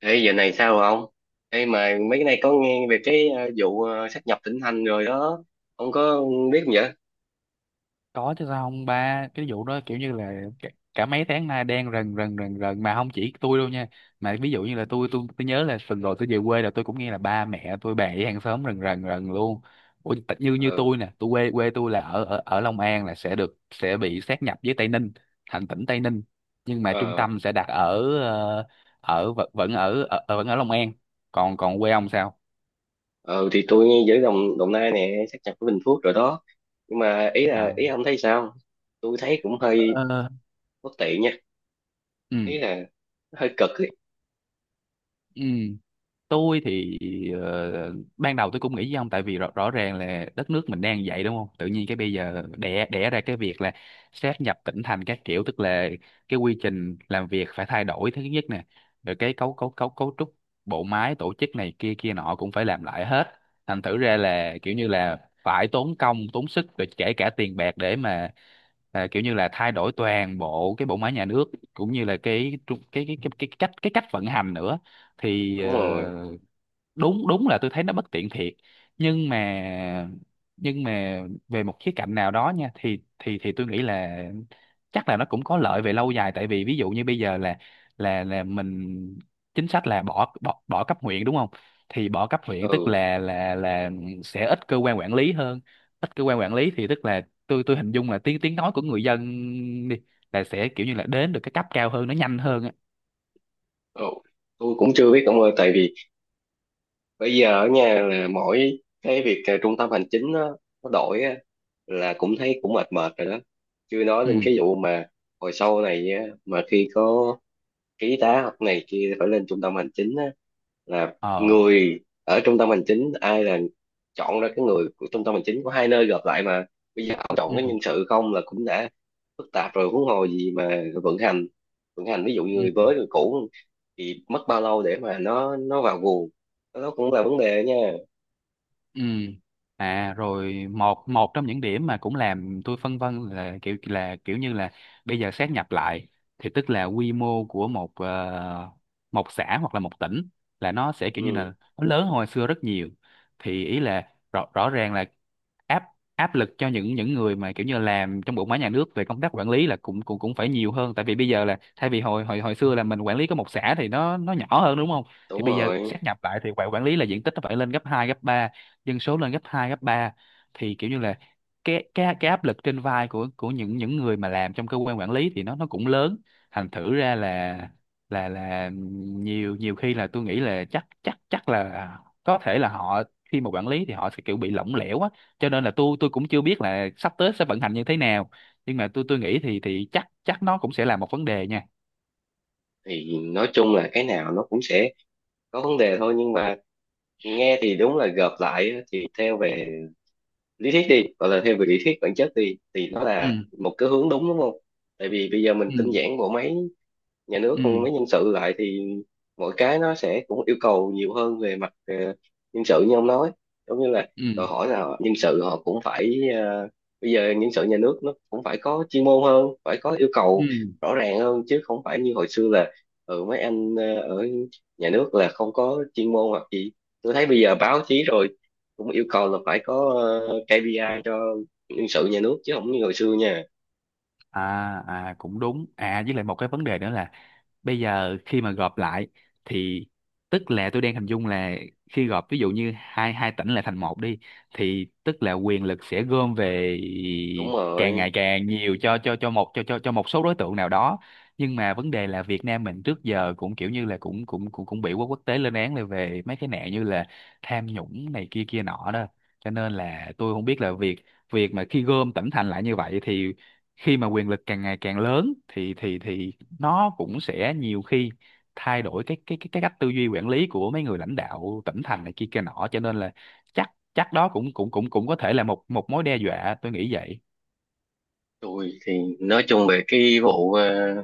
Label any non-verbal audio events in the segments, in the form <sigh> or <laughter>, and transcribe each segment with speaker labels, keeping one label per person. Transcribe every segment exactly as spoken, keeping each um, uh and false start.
Speaker 1: Ê, giờ này sao rồi ông? Ê, mà mấy cái này có nghe về cái ờ, vụ ờ, sát nhập tỉnh thành rồi đó. Ông có biết không vậy?
Speaker 2: Có chứ, sao không? Ba cái vụ đó kiểu như là cả, cả mấy tháng nay đen rần rần rần rần, mà không chỉ tôi đâu nha, mà ví dụ như là tôi tôi tôi nhớ là tuần rồi tôi về quê là tôi cũng nghe là ba mẹ tôi bà với hàng xóm rần rần rần luôn. Ủa, tại- như như
Speaker 1: Ừ,
Speaker 2: tôi nè, tôi quê quê tôi là ở ở ở Long An, là sẽ được, sẽ bị sáp nhập với Tây Ninh thành tỉnh Tây Ninh, nhưng mà trung
Speaker 1: ờ,
Speaker 2: tâm sẽ đặt ở ờ, ở vẫn vẫn ở, ở vẫn ở Long An. Còn còn quê ông sao?
Speaker 1: ờ, thì tôi nghe giữa Đồng, Đồng Nai nè, sát nhập với Bình Phước rồi đó. Nhưng mà ý là,
Speaker 2: À.
Speaker 1: ý ông thấy sao? Tôi thấy cũng hơi
Speaker 2: Ờ.
Speaker 1: bất tiện nha. Ý
Speaker 2: Ừ,
Speaker 1: là hơi cực ấy.
Speaker 2: ừ. Tôi thì ờ, ban đầu tôi cũng nghĩ với ông, tại vì rõ, rõ ràng là đất nước mình đang vậy đúng không, tự nhiên cái bây giờ đẻ đẻ ra cái việc là sáp nhập tỉnh thành các kiểu, tức là cái quy trình làm việc phải thay đổi thứ nhất nè, rồi cái cấu cấu cấu cấu trúc bộ máy tổ chức này kia kia nọ cũng phải làm lại hết, thành thử ra là kiểu như là phải tốn công tốn sức, rồi kể cả tiền bạc để mà, à, kiểu như là thay đổi toàn bộ cái bộ máy nhà nước cũng như là cái tru- cái cái cái, cái cách cái cách vận hành nữa. Thì ờ,
Speaker 1: Đúng rồi.
Speaker 2: đúng đúng là tôi thấy nó bất tiện thiệt, nhưng mà, nhưng mà về một khía cạnh nào đó nha, thì thì thì tôi nghĩ là chắc là nó cũng có lợi về lâu dài, tại vì ví dụ như bây giờ là là là mình, chính sách là bỏ bỏ bỏ cấp huyện đúng không, thì bỏ cấp huyện tức
Speaker 1: Ừ,
Speaker 2: là là là sẽ ít cơ quan quản lý hơn, ít cơ quan quản lý thì tức là tôi tôi hình dung là tiếng tiếng nói của người dân đi là sẽ kiểu như là đến được cái cấp cao hơn nó nhanh hơn á.
Speaker 1: ừ. Tôi cũng chưa biết ông ơi, tại vì bây giờ ở nhà là mỗi cái việc ờ, trung tâm hành chính nó, nó đổi á, là cũng thấy cũng mệt mệt rồi đó, chưa nói đến
Speaker 2: Ừ.
Speaker 1: cái vụ mà hồi sau này á, mà khi có ký tá học này kia phải lên trung tâm hành chính á, là
Speaker 2: Ờ.
Speaker 1: người ở trung tâm hành chính ai là chọn ra cái người của trung tâm hành chính của hai nơi gộp lại mà bây giờ ông chọn
Speaker 2: Ừ,
Speaker 1: cái nhân sự không là cũng đã phức tạp rồi, huống hồ gì mà vận hành vận hành ví dụ như
Speaker 2: ừ.
Speaker 1: người mới người cũ thì mất bao lâu để mà nó nó vào guồng, đó đó cũng là vấn đề nha.
Speaker 2: Ừ. À, rồi một một trong những điểm mà cũng làm tôi phân vân là kiểu là kiểu như là bây giờ xét nhập lại thì tức là quy mô của một ờ, một xã hoặc là một tỉnh là nó sẽ kiểu như là
Speaker 1: Ừ,
Speaker 2: nó lớn hơn hồi xưa rất nhiều, thì ý là rõ, rõ ràng là áp áp lực cho những những người mà kiểu như làm trong bộ máy nhà nước về công tác quản lý là cũng cũng cũng phải nhiều hơn, tại vì bây giờ là thay vì hồi hồi hồi xưa là mình quản lý có một xã thì nó nó nhỏ hơn đúng không, thì
Speaker 1: đúng
Speaker 2: bây giờ
Speaker 1: rồi.
Speaker 2: xét nhập lại thì quản quản lý là diện tích nó phải lên gấp hai gấp ba, dân số lên gấp hai gấp ba, thì kiểu như là cái cái cái áp lực trên vai của của những những người mà làm trong cơ quan quản lý thì nó nó cũng lớn, thành thử ra là là là nhiều nhiều khi là tôi nghĩ là chắc chắc chắc là có thể là họ khi mà quản lý thì họ sẽ kiểu bị lỏng lẻo á, cho nên là tôi tôi cũng chưa biết là sắp tới sẽ vận hành như thế nào, nhưng mà tôi tôi nghĩ thì thì chắc chắc nó cũng sẽ là một vấn đề nha.
Speaker 1: Thì nói chung là cái nào nó cũng sẽ có vấn đề thôi, nhưng mà nghe thì đúng là gộp lại á, thì theo về lý thuyết đi, gọi là thêm về lý thuyết bản chất đi, thì nó
Speaker 2: Ừ,
Speaker 1: là một cái hướng đúng, đúng không? Tại vì bây giờ mình tinh
Speaker 2: ừ,
Speaker 1: giản bộ máy nhà nước không,
Speaker 2: ừ,
Speaker 1: mới nhân sự lại thì mỗi cái nó sẽ cũng yêu cầu nhiều hơn về mặt ờ, nhân sự như ông nói, giống như là đòi
Speaker 2: ừ,
Speaker 1: hỏi là họ, nhân sự họ cũng phải ờ, bây giờ nhân sự nhà nước nó cũng phải có chuyên môn hơn, phải có yêu cầu
Speaker 2: ừ.
Speaker 1: rõ ràng hơn chứ không phải như hồi xưa là, ừ, mấy anh ờ, ở nhà nước là không có chuyên môn hoặc gì. Tôi thấy bây giờ báo chí rồi cũng yêu cầu là phải có ờ, ca pê i cho nhân sự nhà nước chứ không như hồi xưa nha.
Speaker 2: À, à cũng đúng. À, với lại một cái vấn đề nữa là bây giờ khi mà gộp lại thì tức là tôi đang hình dung là khi gộp ví dụ như hai hai tỉnh lại thành một đi, thì tức là quyền lực sẽ gom về
Speaker 1: Đúng
Speaker 2: càng
Speaker 1: rồi.
Speaker 2: ngày càng nhiều cho cho cho một cho cho cho một số đối tượng nào đó, nhưng mà vấn đề là Việt Nam mình trước giờ cũng kiểu như là cũng cũng cũng cũng bị quốc quốc tế lên án là về mấy cái nạn như là tham nhũng này kia kia nọ đó, cho nên là tôi không biết là việc việc mà khi gom tỉnh thành lại như vậy thì khi mà quyền lực càng ngày càng lớn thì thì thì nó cũng sẽ nhiều khi thay đổi cái cái cái cái cách tư duy quản lý của mấy người lãnh đạo tỉnh thành này kia kia nọ, cho nên là chắc chắc đó cũng cũng cũng cũng có thể là một một mối đe dọa tôi nghĩ vậy.
Speaker 1: Tôi thì nói chung về cái vụ ờ,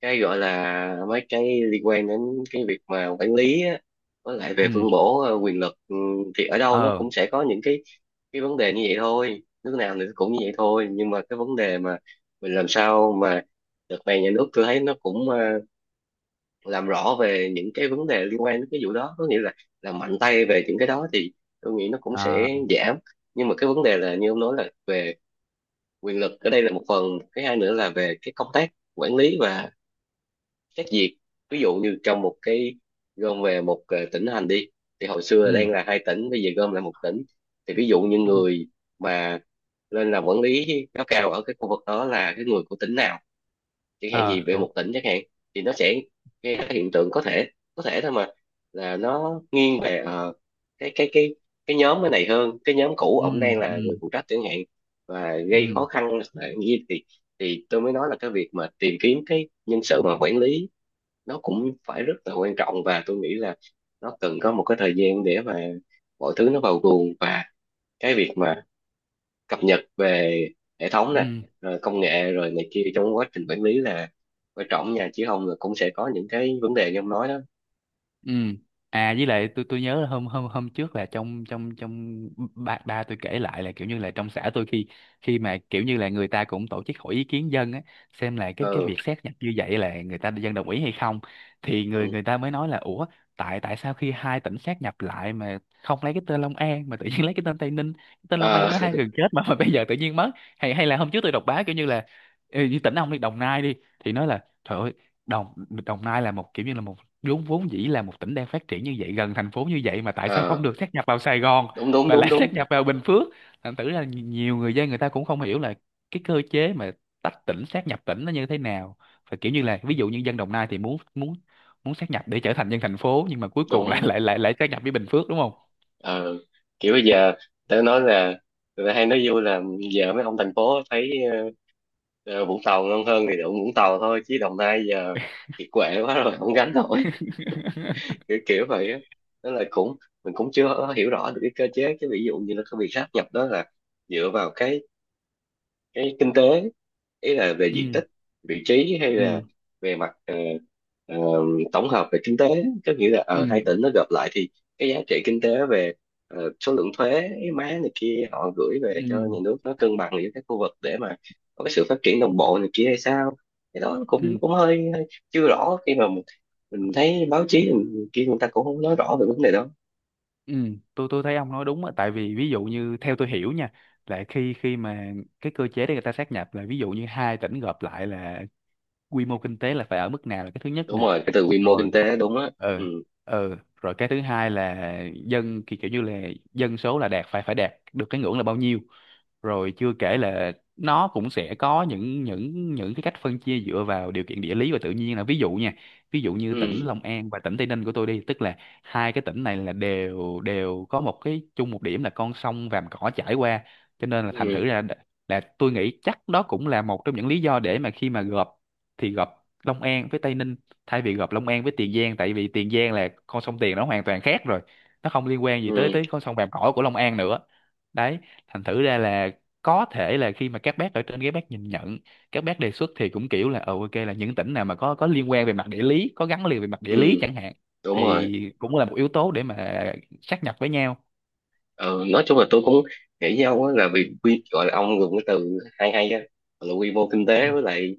Speaker 1: cái gọi là mấy cái liên quan đến cái việc mà quản lý á, với lại về
Speaker 2: Ừ.
Speaker 1: phân bổ ờ, quyền lực, ừ, thì ở đâu nó
Speaker 2: Ờ.
Speaker 1: cũng sẽ có những cái cái vấn đề như vậy thôi, nước nào thì cũng như vậy thôi, nhưng mà cái vấn đề mà mình làm sao mà đợt này nhà nước tôi thấy nó cũng ờ, làm rõ về những cái vấn đề liên quan đến cái vụ đó, có nghĩa là làm mạnh tay về những cái đó thì tôi nghĩ nó cũng
Speaker 2: À.
Speaker 1: sẽ giảm. Nhưng mà cái vấn đề là như ông nói là về quyền lực, ở đây là một phần, cái hai nữa là về cái công tác quản lý và xét duyệt. Ví dụ như trong một cái gom về một ờ, tỉnh thành đi, thì hồi xưa
Speaker 2: Ừ,
Speaker 1: đang là hai tỉnh bây giờ gom lại một tỉnh, thì ví dụ như
Speaker 2: ừ.
Speaker 1: người mà lên làm quản lý cấp cao ở cái khu vực đó là cái người của tỉnh nào chẳng hạn,
Speaker 2: Ờ,
Speaker 1: gì về
Speaker 2: đúng.
Speaker 1: một tỉnh chẳng hạn, thì nó sẽ gây ra hiện tượng có thể, có thể thôi mà, là nó nghiêng về ờ, cái cái cái cái nhóm cái này hơn cái nhóm cũ
Speaker 2: Ừ,
Speaker 1: ổng đang
Speaker 2: ừ,
Speaker 1: là người phụ trách chẳng hạn, và gây
Speaker 2: ừ,
Speaker 1: khó khăn là như thì thì tôi mới nói là cái việc mà tìm kiếm cái nhân sự mà quản lý nó cũng phải rất là quan trọng, và tôi nghĩ là nó cần có một cái thời gian để mà mọi thứ nó vào guồng, và cái việc mà cập nhật về hệ thống nè,
Speaker 2: ừ,
Speaker 1: rồi công nghệ rồi này kia trong quá trình quản lý là quan trọng nha, chứ không là cũng sẽ có những cái vấn đề như ông nói đó.
Speaker 2: ừ. À, với lại tôi tôi nhớ là hôm hôm hôm trước là trong trong trong ba ba tôi kể lại là kiểu như là trong xã tôi, khi khi mà kiểu như là người ta cũng tổ chức hỏi ý kiến dân á, xem là cái cái
Speaker 1: Ừ,
Speaker 2: việc xét nhập như vậy là người ta dân đồng ý hay không, thì
Speaker 1: ừ.
Speaker 2: người người ta mới nói là ủa, tại tại sao khi hai tỉnh xét nhập lại mà không lấy cái tên Long An mà tự nhiên <laughs> lấy cái tên Tây Ninh? Cái tên Long
Speaker 1: Ờ,
Speaker 2: An nó hai gần chết mà, mà bây giờ tự nhiên mất. Hay hay là hôm trước tôi đọc báo kiểu như là, ừ, như tỉnh ông đi Đồng Nai đi, thì nói là trời ơi, Đồng Đồng Nai là một kiểu như là một, vốn vốn dĩ là một tỉnh đang phát triển như vậy, gần thành phố như vậy mà tại sao không
Speaker 1: ờ,
Speaker 2: được sát nhập vào Sài Gòn
Speaker 1: đúng đúng
Speaker 2: mà
Speaker 1: đúng
Speaker 2: lại <laughs>
Speaker 1: đúng
Speaker 2: sát nhập vào Bình Phước, thành thử là nhi- nhiều người dân người ta cũng không hiểu là cái cơ chế mà tách tỉnh sát nhập tỉnh nó như thế nào, và kiểu như là ví dụ như dân Đồng Nai thì muốn muốn muốn sát nhập để trở thành dân thành phố, nhưng mà cuối cùng lại
Speaker 1: đúng.
Speaker 2: lại lại lại sát nhập với Bình Phước đúng không?
Speaker 1: Ờ, kiểu bây giờ tớ nói là người ta hay nói vui là giờ mấy ông thành phố thấy ờ, ờ, Vũng Tàu ngon hơn thì đụng Vũng Tàu thôi, chứ Đồng Nai giờ kiệt quệ quá rồi không gánh nổi,
Speaker 2: <laughs>
Speaker 1: kiểu, kiểu vậy á. Tức là cũng mình cũng chưa hiểu rõ được cái cơ chế, cái ví dụ như là cái việc sáp nhập đó là dựa vào cái cái kinh tế, ý là về diện
Speaker 2: Ừ,
Speaker 1: tích, vị trí hay là
Speaker 2: ừ,
Speaker 1: về mặt ờ, ờ, tổng hợp về kinh tế, có nghĩa là ở hai
Speaker 2: ừ,
Speaker 1: tỉnh nó gộp lại thì cái giá trị kinh tế về ờ, số lượng thuế má này kia họ gửi về cho
Speaker 2: ừ,
Speaker 1: nhà nước nó cân bằng giữa các khu vực để mà có cái sự phát triển đồng bộ này kia hay sao. Cái đó cũng
Speaker 2: ừ.
Speaker 1: cũng hơi, hơi chưa rõ khi mà mình, mình thấy báo chí mình, kia người ta cũng không nói rõ về vấn đề đó.
Speaker 2: Ừ, tôi tôi thấy ông nói đúng á, tại vì ví dụ như theo tôi hiểu nha, là khi khi mà cái cơ chế để người ta sát nhập là ví dụ như hai tỉnh gộp lại là quy mô kinh tế là phải ở mức nào là cái thứ nhất
Speaker 1: Đúng
Speaker 2: nè.
Speaker 1: rồi, cái từ quy mô
Speaker 2: Rồi.
Speaker 1: kinh tế đúng á.
Speaker 2: Ừ,
Speaker 1: Ừ
Speaker 2: ừ. Rồi cái thứ hai là dân ki- kiểu như là dân số là đạt, phải phải đạt được cái ngưỡng là bao nhiêu, rồi chưa kể là nó cũng sẽ có những những những cái cách phân chia dựa vào điều kiện địa lý và tự nhiên là ví dụ nha. Ví dụ như tỉnh
Speaker 1: ừ
Speaker 2: Long An và tỉnh Tây Ninh của tôi đi, tức là hai cái tỉnh này là đều đều có một cái chung, một điểm là con sông Vàm Cỏ chảy qua, cho nên là thành
Speaker 1: ừ
Speaker 2: thử ra đ- là tôi nghĩ chắc đó cũng là một trong những lý do để mà khi mà gộp thì gộp Long An với Tây Ninh, thay vì gặp Long An với Tiền Giang, tại vì Tiền Giang là con sông Tiền nó hoàn toàn khác rồi, nó không liên quan gì tới
Speaker 1: ừ
Speaker 2: tới con sông Vàm Cỏ của Long An nữa. Đấy, thành thử ra là có thể là khi mà các bác ở trên các bác nhìn nhận, các bác đề xuất thì cũng kiểu là ờ ok, là những tỉnh nào mà có có liên quan về mặt địa lý, có gắn liền về mặt địa lý
Speaker 1: ừ.
Speaker 2: chẳng hạn,
Speaker 1: Đúng rồi.
Speaker 2: thì cũng là một yếu tố để mà sát nhập với nhau.
Speaker 1: Ừ, nói chung là tôi cũng nghĩ với ông á, là vì quy gọi là ông dùng cái từ hay hay á, là quy mô kinh
Speaker 2: Ừ,
Speaker 1: tế với lại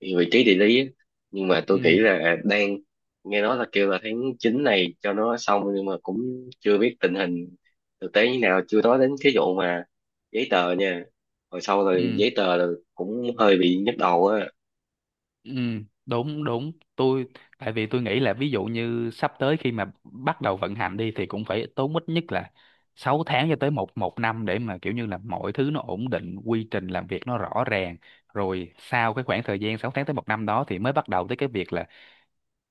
Speaker 1: vị trí địa lý á. Nhưng mà tôi nghĩ
Speaker 2: ừ,
Speaker 1: là đang nghe nói là kêu là tháng chín này cho nó xong, nhưng mà cũng chưa biết tình hình thực tế như nào, chưa nói đến cái vụ mà giấy tờ nha, hồi sau là
Speaker 2: ừ.
Speaker 1: giấy tờ là cũng hơi bị nhức đầu á.
Speaker 2: Ừ, đúng đúng tôi, tại vì tôi nghĩ là ví dụ như sắp tới khi mà bắt đầu vận hành đi, thì cũng phải tốn ít nhất là sáu tháng cho tới một một năm để mà kiểu như là mọi thứ nó ổn định, quy trình làm việc nó rõ ràng, rồi sau cái khoảng thời gian sáu tháng tới một năm đó thì mới bắt đầu tới cái việc là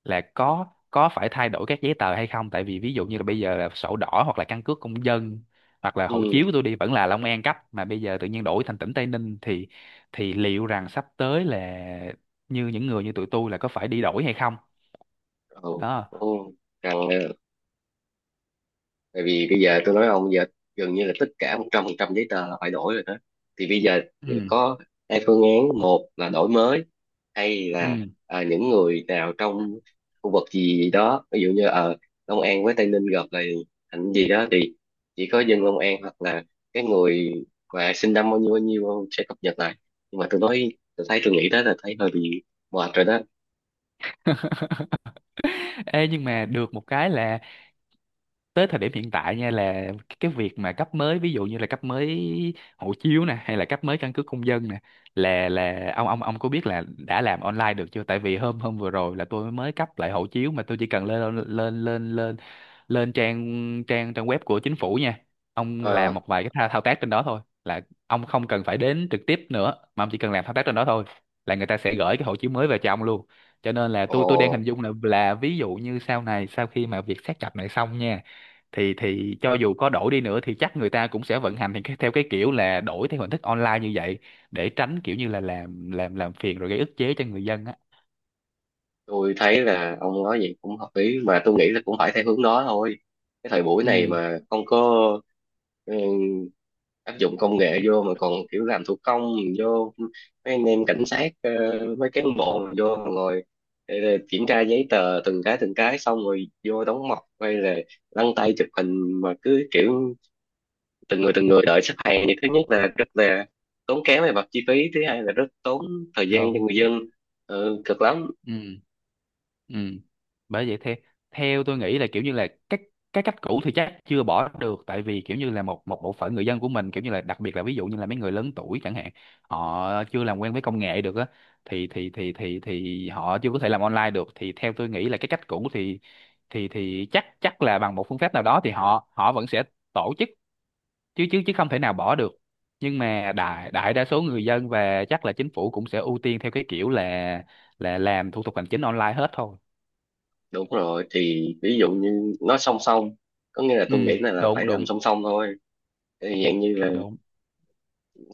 Speaker 2: là có có phải thay đổi các giấy tờ hay không, tại vì ví dụ như là bây giờ là sổ đỏ hoặc là căn cước công dân hoặc là hộ
Speaker 1: Ừ,
Speaker 2: chiếu của tôi đi vẫn là Long An cấp, mà bây giờ tự nhiên đổi thành tỉnh Tây Ninh, thì thì liệu rằng sắp tới là như những người như tụi tôi là có phải đi đổi hay không?
Speaker 1: ừ,
Speaker 2: Đó.
Speaker 1: ừ. Cần, tại vì bây giờ tôi nói ông giờ gần như là tất cả một trăm phần trăm giấy tờ là phải đổi rồi đó, thì bây giờ
Speaker 2: Ừ,
Speaker 1: có hai phương án, một là đổi mới hay là,
Speaker 2: ừ.
Speaker 1: à, những người nào trong khu vực gì đó ví dụ như ở Long An với Tây Ninh gặp lại thành gì đó thì chỉ có dân Long An hoặc là cái người mà sinh năm bao nhiêu bao nhiêu sẽ cập nhật lại, nhưng mà tôi nói tôi thấy tôi nghĩ đó là thấy hơi bị mệt rồi đó.
Speaker 2: <laughs> Ê, nhưng mà được một cái là tới thời điểm hiện tại nha, là cái việc mà cấp mới, ví dụ như là cấp mới hộ chiếu nè hay là cấp mới căn cước công dân nè, là là ông ông ông có biết là đã làm online được chưa, tại vì hôm hôm vừa rồi là tôi mới cấp lại hộ chiếu mà tôi chỉ cần lên lên lên lên lên trang trang trang web của chính phủ nha, ông
Speaker 1: ờ
Speaker 2: làm một vài cái thao, thao tác trên đó thôi là ông không cần phải đến trực tiếp nữa, mà ông chỉ cần làm thao tác trên đó thôi là người ta sẽ gửi cái hộ chiếu mới về cho ông luôn. Cho nên là
Speaker 1: Ồ,
Speaker 2: tôi tôi đang hình dung là là ví dụ như sau này sau khi mà việc xác nhập này xong nha, thì thì cho dù có đổi đi nữa thì chắc người ta cũng sẽ vận hành thì cái- theo cái kiểu là đổi theo hình thức online như vậy, để tránh kiểu như là làm làm làm phiền rồi gây ức chế cho người dân á.
Speaker 1: tôi thấy là ông nói vậy cũng hợp lý, mà tôi nghĩ là cũng phải theo hướng đó thôi, cái thời buổi này
Speaker 2: Ừ,
Speaker 1: mà không có, ừ, áp dụng công nghệ vô mà còn kiểu làm thủ công vô, mấy anh em cảnh sát ờ, mấy cán bộ mà vô mà ngồi ờ, kiểm tra giấy tờ từng cái từng cái xong rồi vô đóng mộc hay là lăn tay chụp hình mà cứ kiểu từng người từng người đợi xếp hàng, thì thứ nhất là rất là tốn kém về mặt chi phí, thứ hai là rất tốn thời gian cho
Speaker 2: đúng.
Speaker 1: người dân. Ừ, cực lắm.
Speaker 2: Ừ, ừ. Bởi vậy theo, theo tôi nghĩ là kiểu như là các cái cách cũ thì chắc chưa bỏ được, tại vì kiểu như là một một bộ phận người dân của mình kiểu như là đặc biệt là ví dụ như là mấy người lớn tuổi chẳng hạn, họ chưa làm quen với công nghệ được á, thì thì thì thì thì họ chưa có thể làm online được, thì theo tôi nghĩ là cái cách cũ thì thì thì chắc chắc là bằng một phương pháp nào đó thì họ họ vẫn sẽ tổ chức, chứ chứ chứ không thể nào bỏ được, nhưng mà đại đại đa số người dân và chắc là chính phủ cũng sẽ ưu tiên theo cái kiểu là là làm thủ tục hành chính online hết thôi.
Speaker 1: Đúng rồi, thì ví dụ như nó song song, có nghĩa là
Speaker 2: Ừ,
Speaker 1: tôi nghĩ là, là, phải
Speaker 2: đúng,
Speaker 1: làm
Speaker 2: đúng,
Speaker 1: song song thôi. Thì dạng như là
Speaker 2: đúng.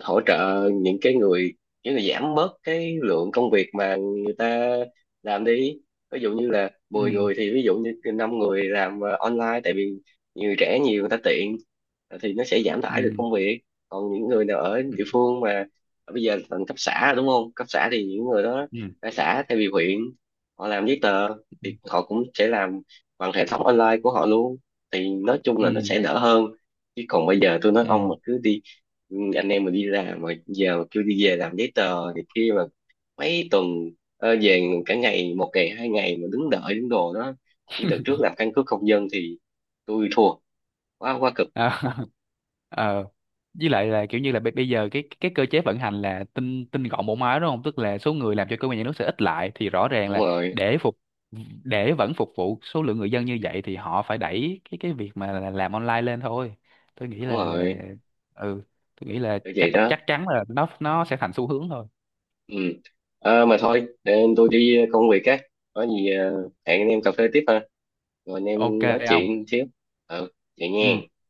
Speaker 1: hỗ trợ những cái người, những người giảm bớt cái lượng công việc mà người ta làm đi, ví dụ như là mười
Speaker 2: Ừ,
Speaker 1: người thì ví dụ như năm người làm ờ, online, tại vì người trẻ nhiều người ta tiện, ờ, thì nó sẽ giảm tải được
Speaker 2: ừ,
Speaker 1: công việc, còn những người nào ở
Speaker 2: ừ,
Speaker 1: địa phương mà ờ, bây giờ thành cấp xã rồi đúng không, cấp xã thì những người đó
Speaker 2: ừ,
Speaker 1: ra xã thay vì huyện họ làm giấy tờ thì họ cũng sẽ làm bằng hệ thống online của họ luôn, thì nói chung là nó
Speaker 2: ừ,
Speaker 1: sẽ đỡ hơn, chứ còn bây giờ tôi nói ông
Speaker 2: ừ.
Speaker 1: mà cứ đi. Ừ, anh em mà đi làm mà giờ mà kêu đi về làm giấy tờ thì khi mà mấy tuần, ờ, về cả ngày, một ngày hai ngày mà đứng đợi đứng đồ đó, như đợt trước làm căn cước công dân thì tôi thua, quá quá cực.
Speaker 2: À. <laughs> ờ với lại là kiểu như là bây bây giờ cái cái cơ chế vận hành là tinh tinh gọn bộ máy đúng không, tức là số người làm cho cơ quan nhà nước sẽ ít lại thì rõ ràng
Speaker 1: Đúng
Speaker 2: là
Speaker 1: rồi,
Speaker 2: để phục để vẫn phục vụ số lượng người dân như vậy thì họ phải đẩy cái cái việc mà là làm online lên thôi. Tôi nghĩ
Speaker 1: đúng
Speaker 2: là là
Speaker 1: rồi,
Speaker 2: ừ, tôi nghĩ là
Speaker 1: kiểu vậy
Speaker 2: chắc
Speaker 1: đó.
Speaker 2: chắc chắn là nó nó sẽ thành xu hướng thôi.
Speaker 1: Ừ. Ờ, mà thôi để tôi đi công việc á, có gì ờ, hẹn anh em cà phê tiếp ha, rồi anh
Speaker 2: Ok.
Speaker 1: em nói
Speaker 2: Không.
Speaker 1: chuyện xíu. Ừ, vậy
Speaker 2: Ừ.
Speaker 1: nha.